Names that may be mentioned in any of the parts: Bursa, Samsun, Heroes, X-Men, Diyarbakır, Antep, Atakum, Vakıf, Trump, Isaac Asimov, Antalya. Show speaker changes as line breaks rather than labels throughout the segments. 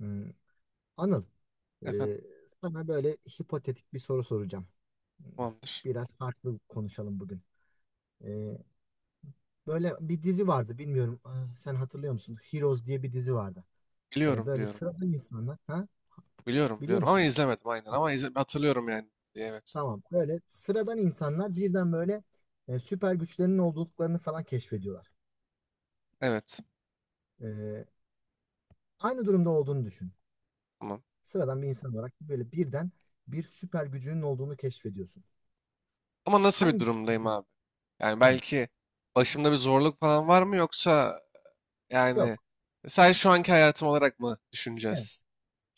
Hmm, Anıl, e,
Efendim
sana böyle hipotetik bir soru soracağım. Hmm,
tamamdır.
biraz farklı konuşalım bugün. E, Böyle bir dizi vardı, bilmiyorum sen hatırlıyor musun? Heroes diye bir dizi vardı.
Biliyorum
Böyle
biliyorum.
sıradan insanlar, ha?
Biliyorum
Biliyor
biliyorum ama
musun?
izlemedim aynen ama izle hatırlıyorum yani. Evet.
Tamam, böyle sıradan insanlar birden böyle süper güçlerinin olduklarını falan keşfediyorlar.
Evet.
E, Aynı durumda olduğunu düşün.
Tamam.
Sıradan bir insan olarak böyle birden bir süper gücünün olduğunu keşfediyorsun.
Ama nasıl bir
Hangi süper?
durumdayım abi? Yani
Hı,
belki başımda bir zorluk falan var mı yoksa yani
yok.
sadece şu anki hayatım olarak mı düşüneceğiz?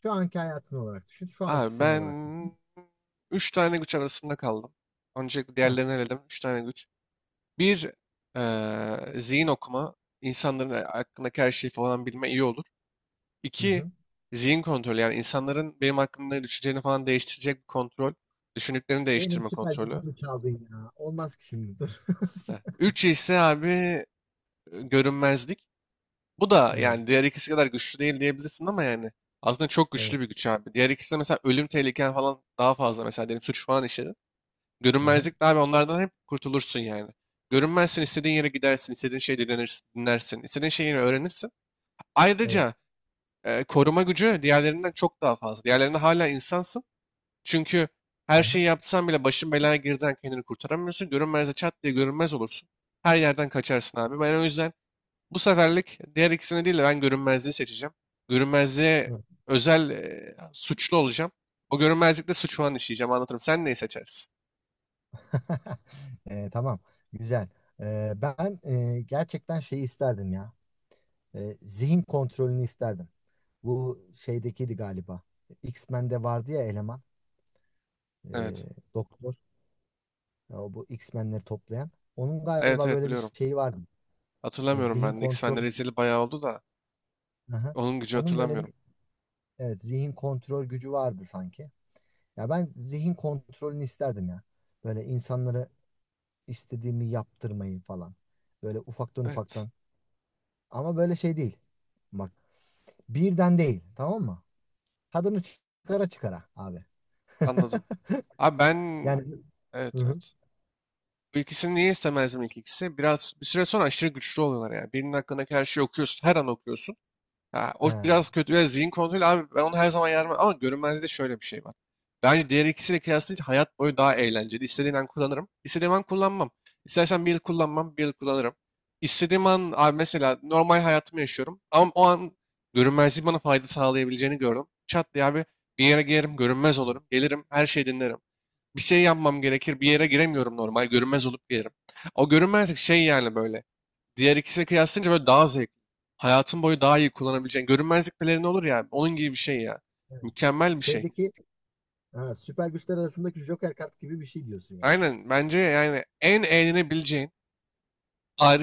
Şu anki hayatın olarak düşün. Şu anki
Abi
sen
ben
olarak düşün.
3 tane güç arasında kaldım. Öncelikle
Heh,
diğerlerini eledim. 3 tane güç. Bir zihin okuma. İnsanların hakkındaki her şeyi falan bilme iyi olur.
hı
İki,
hı.
zihin kontrolü. Yani insanların benim hakkımda ne düşüneceğini falan değiştirecek bir kontrol. Düşündüklerini
Benim
değiştirme
süper
kontrolü.
gücümü çaldın ya. Olmaz ki şimdi dur.
Heh. Üç ise abi görünmezlik. Bu da yani
Evet.
diğer ikisi kadar güçlü değil diyebilirsin ama yani aslında çok
Evet.
güçlü bir güç abi. Diğer ikisi de mesela ölüm tehliken falan daha fazla mesela diyelim suç falan işledin.
Hı hı.
Görünmezlik de abi onlardan hep kurtulursun yani. Görünmezsin istediğin yere gidersin, istediğin şeyi dinlersin, dinlersin, istediğin şeyi yine öğrenirsin.
Evet.
Ayrıca koruma gücü diğerlerinden çok daha fazla. Diğerlerinde hala insansın. Çünkü
Hı
her
hı.
şeyi yapsan bile başın belaya girdiğinden kendini kurtaramıyorsun. Görünmezde çat diye görünmez olursun. Her yerden kaçarsın abi. Ben o yüzden bu seferlik diğer ikisini değil de ben görünmezliği seçeceğim. Görünmezliğe
Hı.
özel suçlu olacağım. O görünmezlikte suç falan işleyeceğim anlatırım. Sen neyi seçersin?
Tamam. Güzel. Ben gerçekten şeyi isterdim ya. Zihin kontrolünü isterdim. Bu şeydekiydi galiba. X-Men'de vardı ya eleman. e,
Evet.
Doktor. O bu X-Men'leri toplayan. Onun
Evet
galiba
evet
böyle bir
biliyorum.
şeyi vardı.
Hatırlamıyorum
Zihin
ben de.
kontrol.
X-Fen'leri izleyeli bayağı oldu da
Hı hı.
onun gücü
Onun böyle
hatırlamıyorum.
bir evet zihin kontrol gücü vardı sanki. Ya ben zihin kontrolünü isterdim ya. Böyle insanları istediğimi yaptırmayı falan. Böyle ufaktan
Evet
ufaktan. Ama böyle şey değil. Bak, birden değil, tamam mı? Tadını çıkara çıkara abi.
anladım. Abi ben...
Yani hı
Evet
hı.
evet. Bu ikisini niye istemezdim ilk ikisi? Biraz bir süre sonra aşırı güçlü oluyorlar yani. Birinin hakkındaki her şeyi okuyorsun. Her an okuyorsun. Ha, o
Ha,
biraz kötü. Biraz zihin kontrolü. Abi ben onu her zaman yarmam. Ama görünmezliği de şöyle bir şey var. Bence diğer ikisiyle kıyaslayınca hayat boyu daha eğlenceli. İstediğim an kullanırım. İstediğim an kullanmam. İstersen bir yıl kullanmam. Bir yıl kullanırım. İstediğim an abi mesela normal hayatımı yaşıyorum. Ama o an görünmezliği bana fayda sağlayabileceğini gördüm. Çat diye abi bir yere girerim. Görünmez olurum. Gelirim. Her şeyi dinlerim bir şey yapmam gerekir. Bir yere giremiyorum normal. Görünmez olup girerim. O görünmezlik şey yani böyle. Diğer ikisine kıyaslayınca böyle daha zevkli. Hayatın boyu daha iyi kullanabileceğin. Görünmezlik pelerini olur ya. Onun gibi bir şey ya.
evet.
Mükemmel bir şey.
Şeydeki ha, süper güçler arasındaki Joker kart gibi bir şey diyorsun yani.
Aynen bence yani en eğlenebileceğin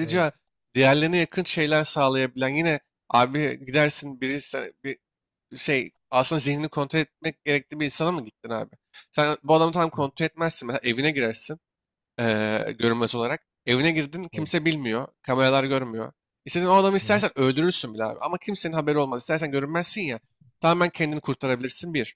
Evet.
diğerlerine yakın şeyler sağlayabilen yine abi gidersin birisi bir şey aslında zihnini kontrol etmek gerektiği bir insana mı gittin abi? Sen bu adamı tam
Hı,
kontrol etmezsin. Mesela evine girersin. Görünmez olarak. Evine girdin
evet.
kimse bilmiyor. Kameralar görmüyor. İstediğin o adamı
Aha,
istersen öldürürsün bile abi. Ama kimsenin haberi olmaz. İstersen görünmezsin ya. Tamamen kendini kurtarabilirsin bir.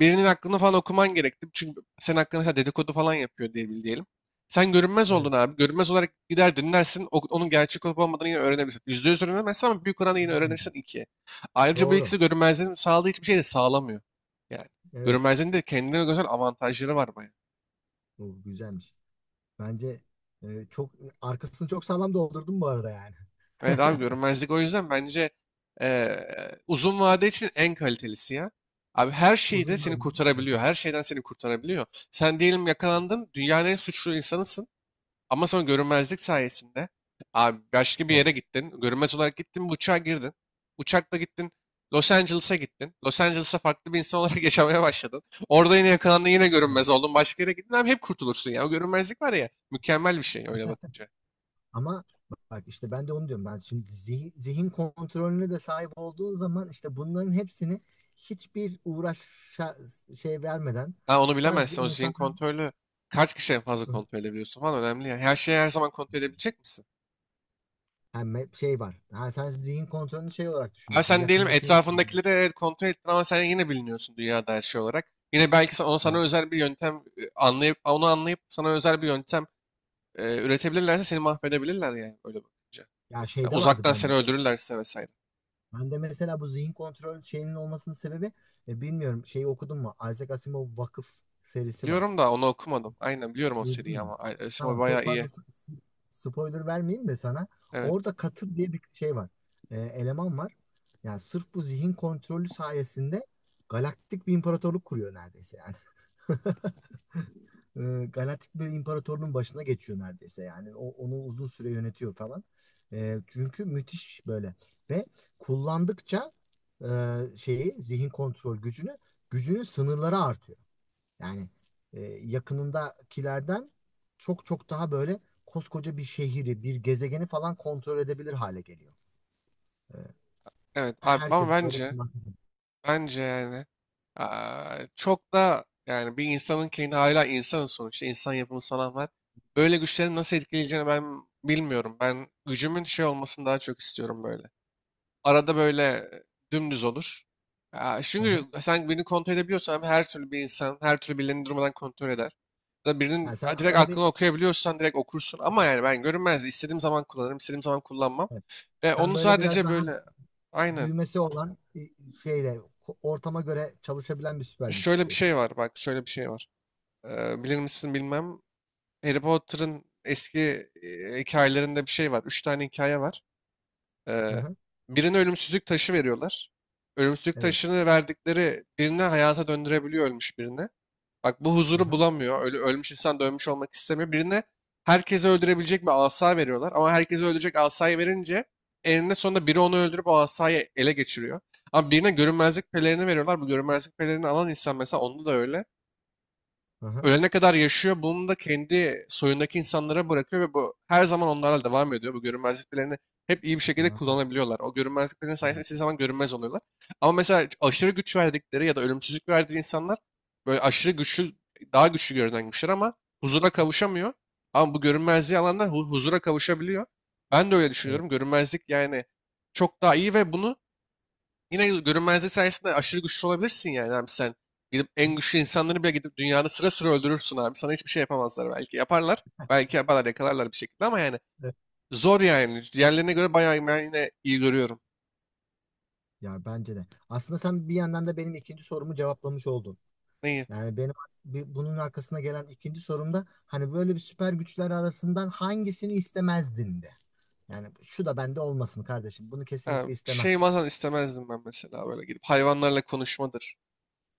Birinin aklını falan okuman gerekti. Çünkü senin hakkında mesela dedikodu falan yapıyor diye bil diyelim. Sen görünmez
evet.
oldun abi. Görünmez olarak gider dinlersin. Onun gerçek olup olmadığını yine öğrenebilirsin. %100 öğrenemezsin ama büyük oranda yine öğrenirsin
Hmm,
ikiye. Ayrıca bu
doğru.
ikisi görünmezliğin sağladığı hiçbir şey de sağlamıyor. Yani
Evet.
görünmezliğin de kendine göre avantajları var baya.
Bu güzelmiş. Bence çok arkasını çok sağlam doldurdum bu arada yani.
Evet abi görünmezlik o yüzden bence eee, uzun vade için en kalitelisi ya. Abi her şeyde seni
Uzunlar.
kurtarabiliyor. Her şeyden seni kurtarabiliyor. Sen diyelim yakalandın, dünyanın en suçlu insanısın. Ama sonra görünmezlik sayesinde abi başka bir yere
Evet.
gittin. Görünmez olarak gittin, bir uçağa girdin. Uçakla gittin, Los Angeles'a gittin. Los Angeles'a farklı bir insan olarak yaşamaya başladın. Orada yine yakalandın, yine
Evet.
görünmez oldun. Başka yere gittin abi hep kurtulursun ya. O görünmezlik var ya, mükemmel bir şey öyle bakınca.
Ama bak işte ben de onu diyorum. Ben şimdi zihin kontrolüne de sahip olduğun zaman işte bunların hepsini hiçbir uğraşa şey vermeden
Ha, onu
sadece
bilemezsin. O zihin
insan
kontrolü kaç kişi en fazla kontrol edebiliyorsun falan önemli ya. Her şeyi her zaman kontrol edebilecek misin?
yani şey var. Ha, sen zihin kontrolünü şey olarak
Abi
düşünüyorsun.
sen diyelim
Yakındaki insan.
etrafındakileri evet kontrol ettin ama sen yine biliniyorsun dünyada her şey olarak. Yine belki ona sana
Ha,
özel bir yöntem anlayıp onu anlayıp sana özel bir yöntem üretebilirlerse seni mahvedebilirler yani öyle bakınca.
ya
Ya
şeyde vardı
uzaktan seni
bende. O,
öldürürlerse vesaire.
ben de mesela bu zihin kontrol şeyinin olmasının sebebi bilmiyorum şeyi okudun mu? Isaac Asimov Vakıf serisi var.
Biliyorum da onu okumadım. Aynen biliyorum o seriyi
Duydun mu?
ama. Ay, Esma
Tamam, çok
bayağı iyi.
fazla spoiler vermeyeyim de sana.
Evet.
Orada Katır diye bir şey var. Eleman var. Yani sırf bu zihin kontrolü sayesinde galaktik bir imparatorluk kuruyor neredeyse yani. Galaktik bir imparatorluğun başına geçiyor neredeyse yani o, onu uzun süre yönetiyor falan. Çünkü müthiş böyle ve kullandıkça e, şeyi zihin kontrol gücünü gücünün sınırları artıyor. Yani yakınındakilerden çok çok daha böyle koskoca bir şehri bir gezegeni falan kontrol edebilir hale geliyor.
Evet abi ama
Herkes böyle
bence
kullanıyor.
Bence yani aa, çok da yani bir insanın kendi hala insanın sonuçta insan yapımı falan var. Böyle güçlerin nasıl etkileyeceğini ben bilmiyorum. Ben gücümün şey olmasını daha çok istiyorum böyle. Arada böyle dümdüz olur. Aa,
Hı
çünkü
hı.
sen birini kontrol edebiliyorsan abi her türlü bir insan her türlü birilerini durmadan kontrol eder. Ya da birinin
Yani sen
ha, direkt
arada bir
aklını okuyabiliyorsan direkt okursun. Ama yani ben görünmez istediğim zaman kullanırım istediğim zaman kullanmam.
evet.
Ve
Sen
onu
böyle biraz
sadece
daha
böyle aynen
düğmesi olan şeyle ortama göre çalışabilen bir süper güç
şöyle bir
istiyorsun.
şey var bak şöyle bir şey var. Bilir misin bilmem. Harry Potter'ın eski hikayelerinde bir şey var. Üç tane hikaye var.
Hı
Eee,
hı,
Birine ölümsüzlük taşı veriyorlar. Ölümsüzlük
evet.
taşını verdikleri birine hayata döndürebiliyor ölmüş birine. Bak bu
Hı
huzuru
hı,
bulamıyor. Öyle ölmüş insan da ölmüş olmak istemiyor. Birine herkesi öldürebilecek bir asa veriyorlar. Ama herkesi öldürecek asayı verince eninde sonunda biri onu öldürüp o asayı ele geçiriyor. Ama birine görünmezlik pelerini veriyorlar. Bu görünmezlik pelerini alan insan mesela onda da öyle
hı hı,
ölene kadar yaşıyor. Bunu da kendi soyundaki insanlara bırakıyor ve bu her zaman onlarla devam ediyor. Bu görünmezliklerini hep iyi bir
hı
şekilde
hı,
kullanabiliyorlar. O görünmezliklerin sayesinde
evet.
istediği zaman görünmez oluyorlar. Ama mesela aşırı güç verdikleri ya da ölümsüzlük verdiği insanlar böyle aşırı güçlü, daha güçlü görünen güçler ama huzura kavuşamıyor. Ama bu görünmezliği alanlar huzura kavuşabiliyor. Ben de öyle
Evet.
düşünüyorum. Görünmezlik yani çok daha iyi ve bunu. Yine görünmezlik sayesinde aşırı güçlü olabilirsin yani abi sen. Gidip
Hı hı,
en güçlü insanları bile gidip dünyanın sıra sıra öldürürsün abi. Sana hiçbir şey yapamazlar belki. Yaparlar. Belki yaparlar yakalarlar bir şekilde ama yani
evet.
zor yani. Diğerlerine göre bayağı ben yine iyi görüyorum.
Ya bence de. Aslında sen bir yandan da benim ikinci sorumu cevaplamış oldun.
Neyi?
Yani benim bunun arkasına gelen ikinci sorumda hani böyle bir süper güçler arasından hangisini istemezdin de. Yani şu da bende olmasın kardeşim. Bunu
Ha,
kesinlikle istemem.
şey falan istemezdim ben mesela böyle gidip hayvanlarla konuşmadır.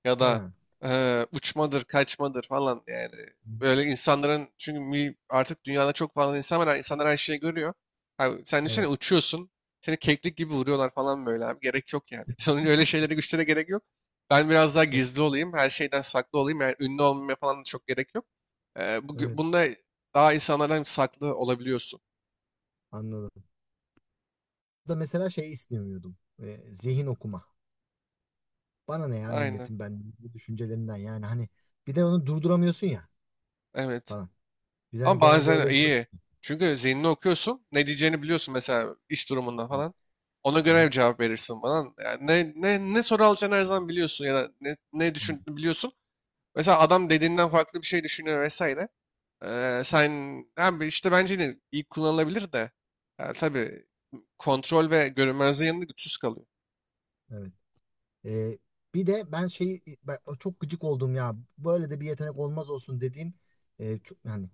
Ya da
Ha.
uçmadır, kaçmadır falan yani. Böyle insanların çünkü artık dünyada çok fazla insan var. İnsanlar her şeyi görüyor. Abi, sen düşünsene
Evet.
uçuyorsun. Seni keklik gibi vuruyorlar falan böyle abi. Gerek yok yani. Sonra öyle şeylere güçlere gerek yok. Ben biraz daha
Evet.
gizli olayım. Her şeyden saklı olayım. Yani ünlü olmaya falan da çok gerek yok. Eee bu,
Evet,
bunda daha insanlardan saklı olabiliyorsun.
anladım. Da mesela şey istemiyordum. Zihin okuma. Bana ne ya
Aynen.
milletin ben bu düşüncelerinden yani hani bir de onu durduramıyorsun ya
Evet.
falan. Biz hani
Ama
genelde
bazen
öyle görüyoruz.
iyi. Çünkü zihnini okuyorsun. Ne diyeceğini biliyorsun mesela iş durumunda falan. Ona göre cevap verirsin falan. Yani ne soru alacağını her zaman biliyorsun ya da ne düşündüğünü biliyorsun. Mesela adam dediğinden farklı bir şey düşünüyor vesaire. Sen abi işte bence yine iyi kullanılabilir de. Yani tabii kontrol ve görünmezliğin yanında güçsüz kalıyor.
Evet. Ee, bir de ben şey ben çok gıcık oldum ya. Böyle de bir yetenek olmaz olsun dediğim çok yani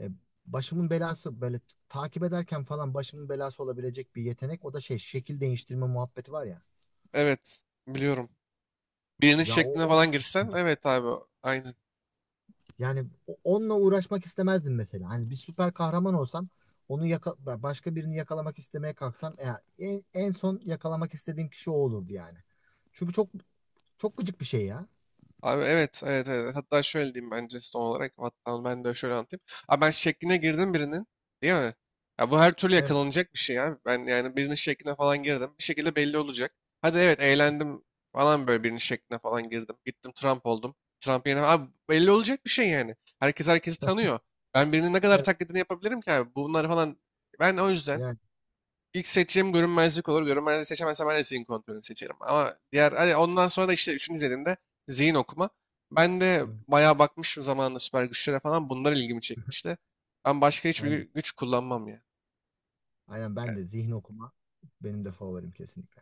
e, başımın belası böyle takip ederken falan başımın belası olabilecek bir yetenek. O da şey şekil değiştirme muhabbeti var ya.
Evet biliyorum. Birinin
Ya o,
şekline
o
falan girsen evet abi aynı.
yani onunla uğraşmak istemezdim mesela. Hani bir süper kahraman olsam onu başka birini yakalamak istemeye kalksam ya en son yakalamak istediğim kişi o olurdu yani. Çünkü çok çok gıcık bir şey ya.
Abi evet, evet, evet. Hatta şöyle diyeyim bence son olarak. Hatta ben de şöyle anlatayım. Abi ben şekline girdim birinin. Değil mi? Ya bu her türlü
Evet,
yakalanacak bir şey abi. Ben yani birinin şekline falan girdim. Bir şekilde belli olacak. Hadi evet eğlendim falan böyle birinin şekline falan girdim. Gittim Trump oldum. Trump yerine... Abi belli olacak bir şey yani. Herkes herkesi tanıyor. Ben birinin ne kadar
evet
taklidini yapabilirim ki abi? Bunları falan... Ben o yüzden
yani
İlk seçeceğim görünmezlik olur. Görünmezliği seçemezsem ben de zihin kontrolünü seçerim. Ama diğer hani ondan sonra da işte üçüncü dediğimde zihin okuma. Ben de
evet.
bayağı bakmışım zamanında süper güçlere falan. Bunlar ilgimi çekmişti. Ben başka hiçbir
Aynen.
güç kullanmam ya.
Aynen ben de zihin okuma benim de favorim kesinlikle.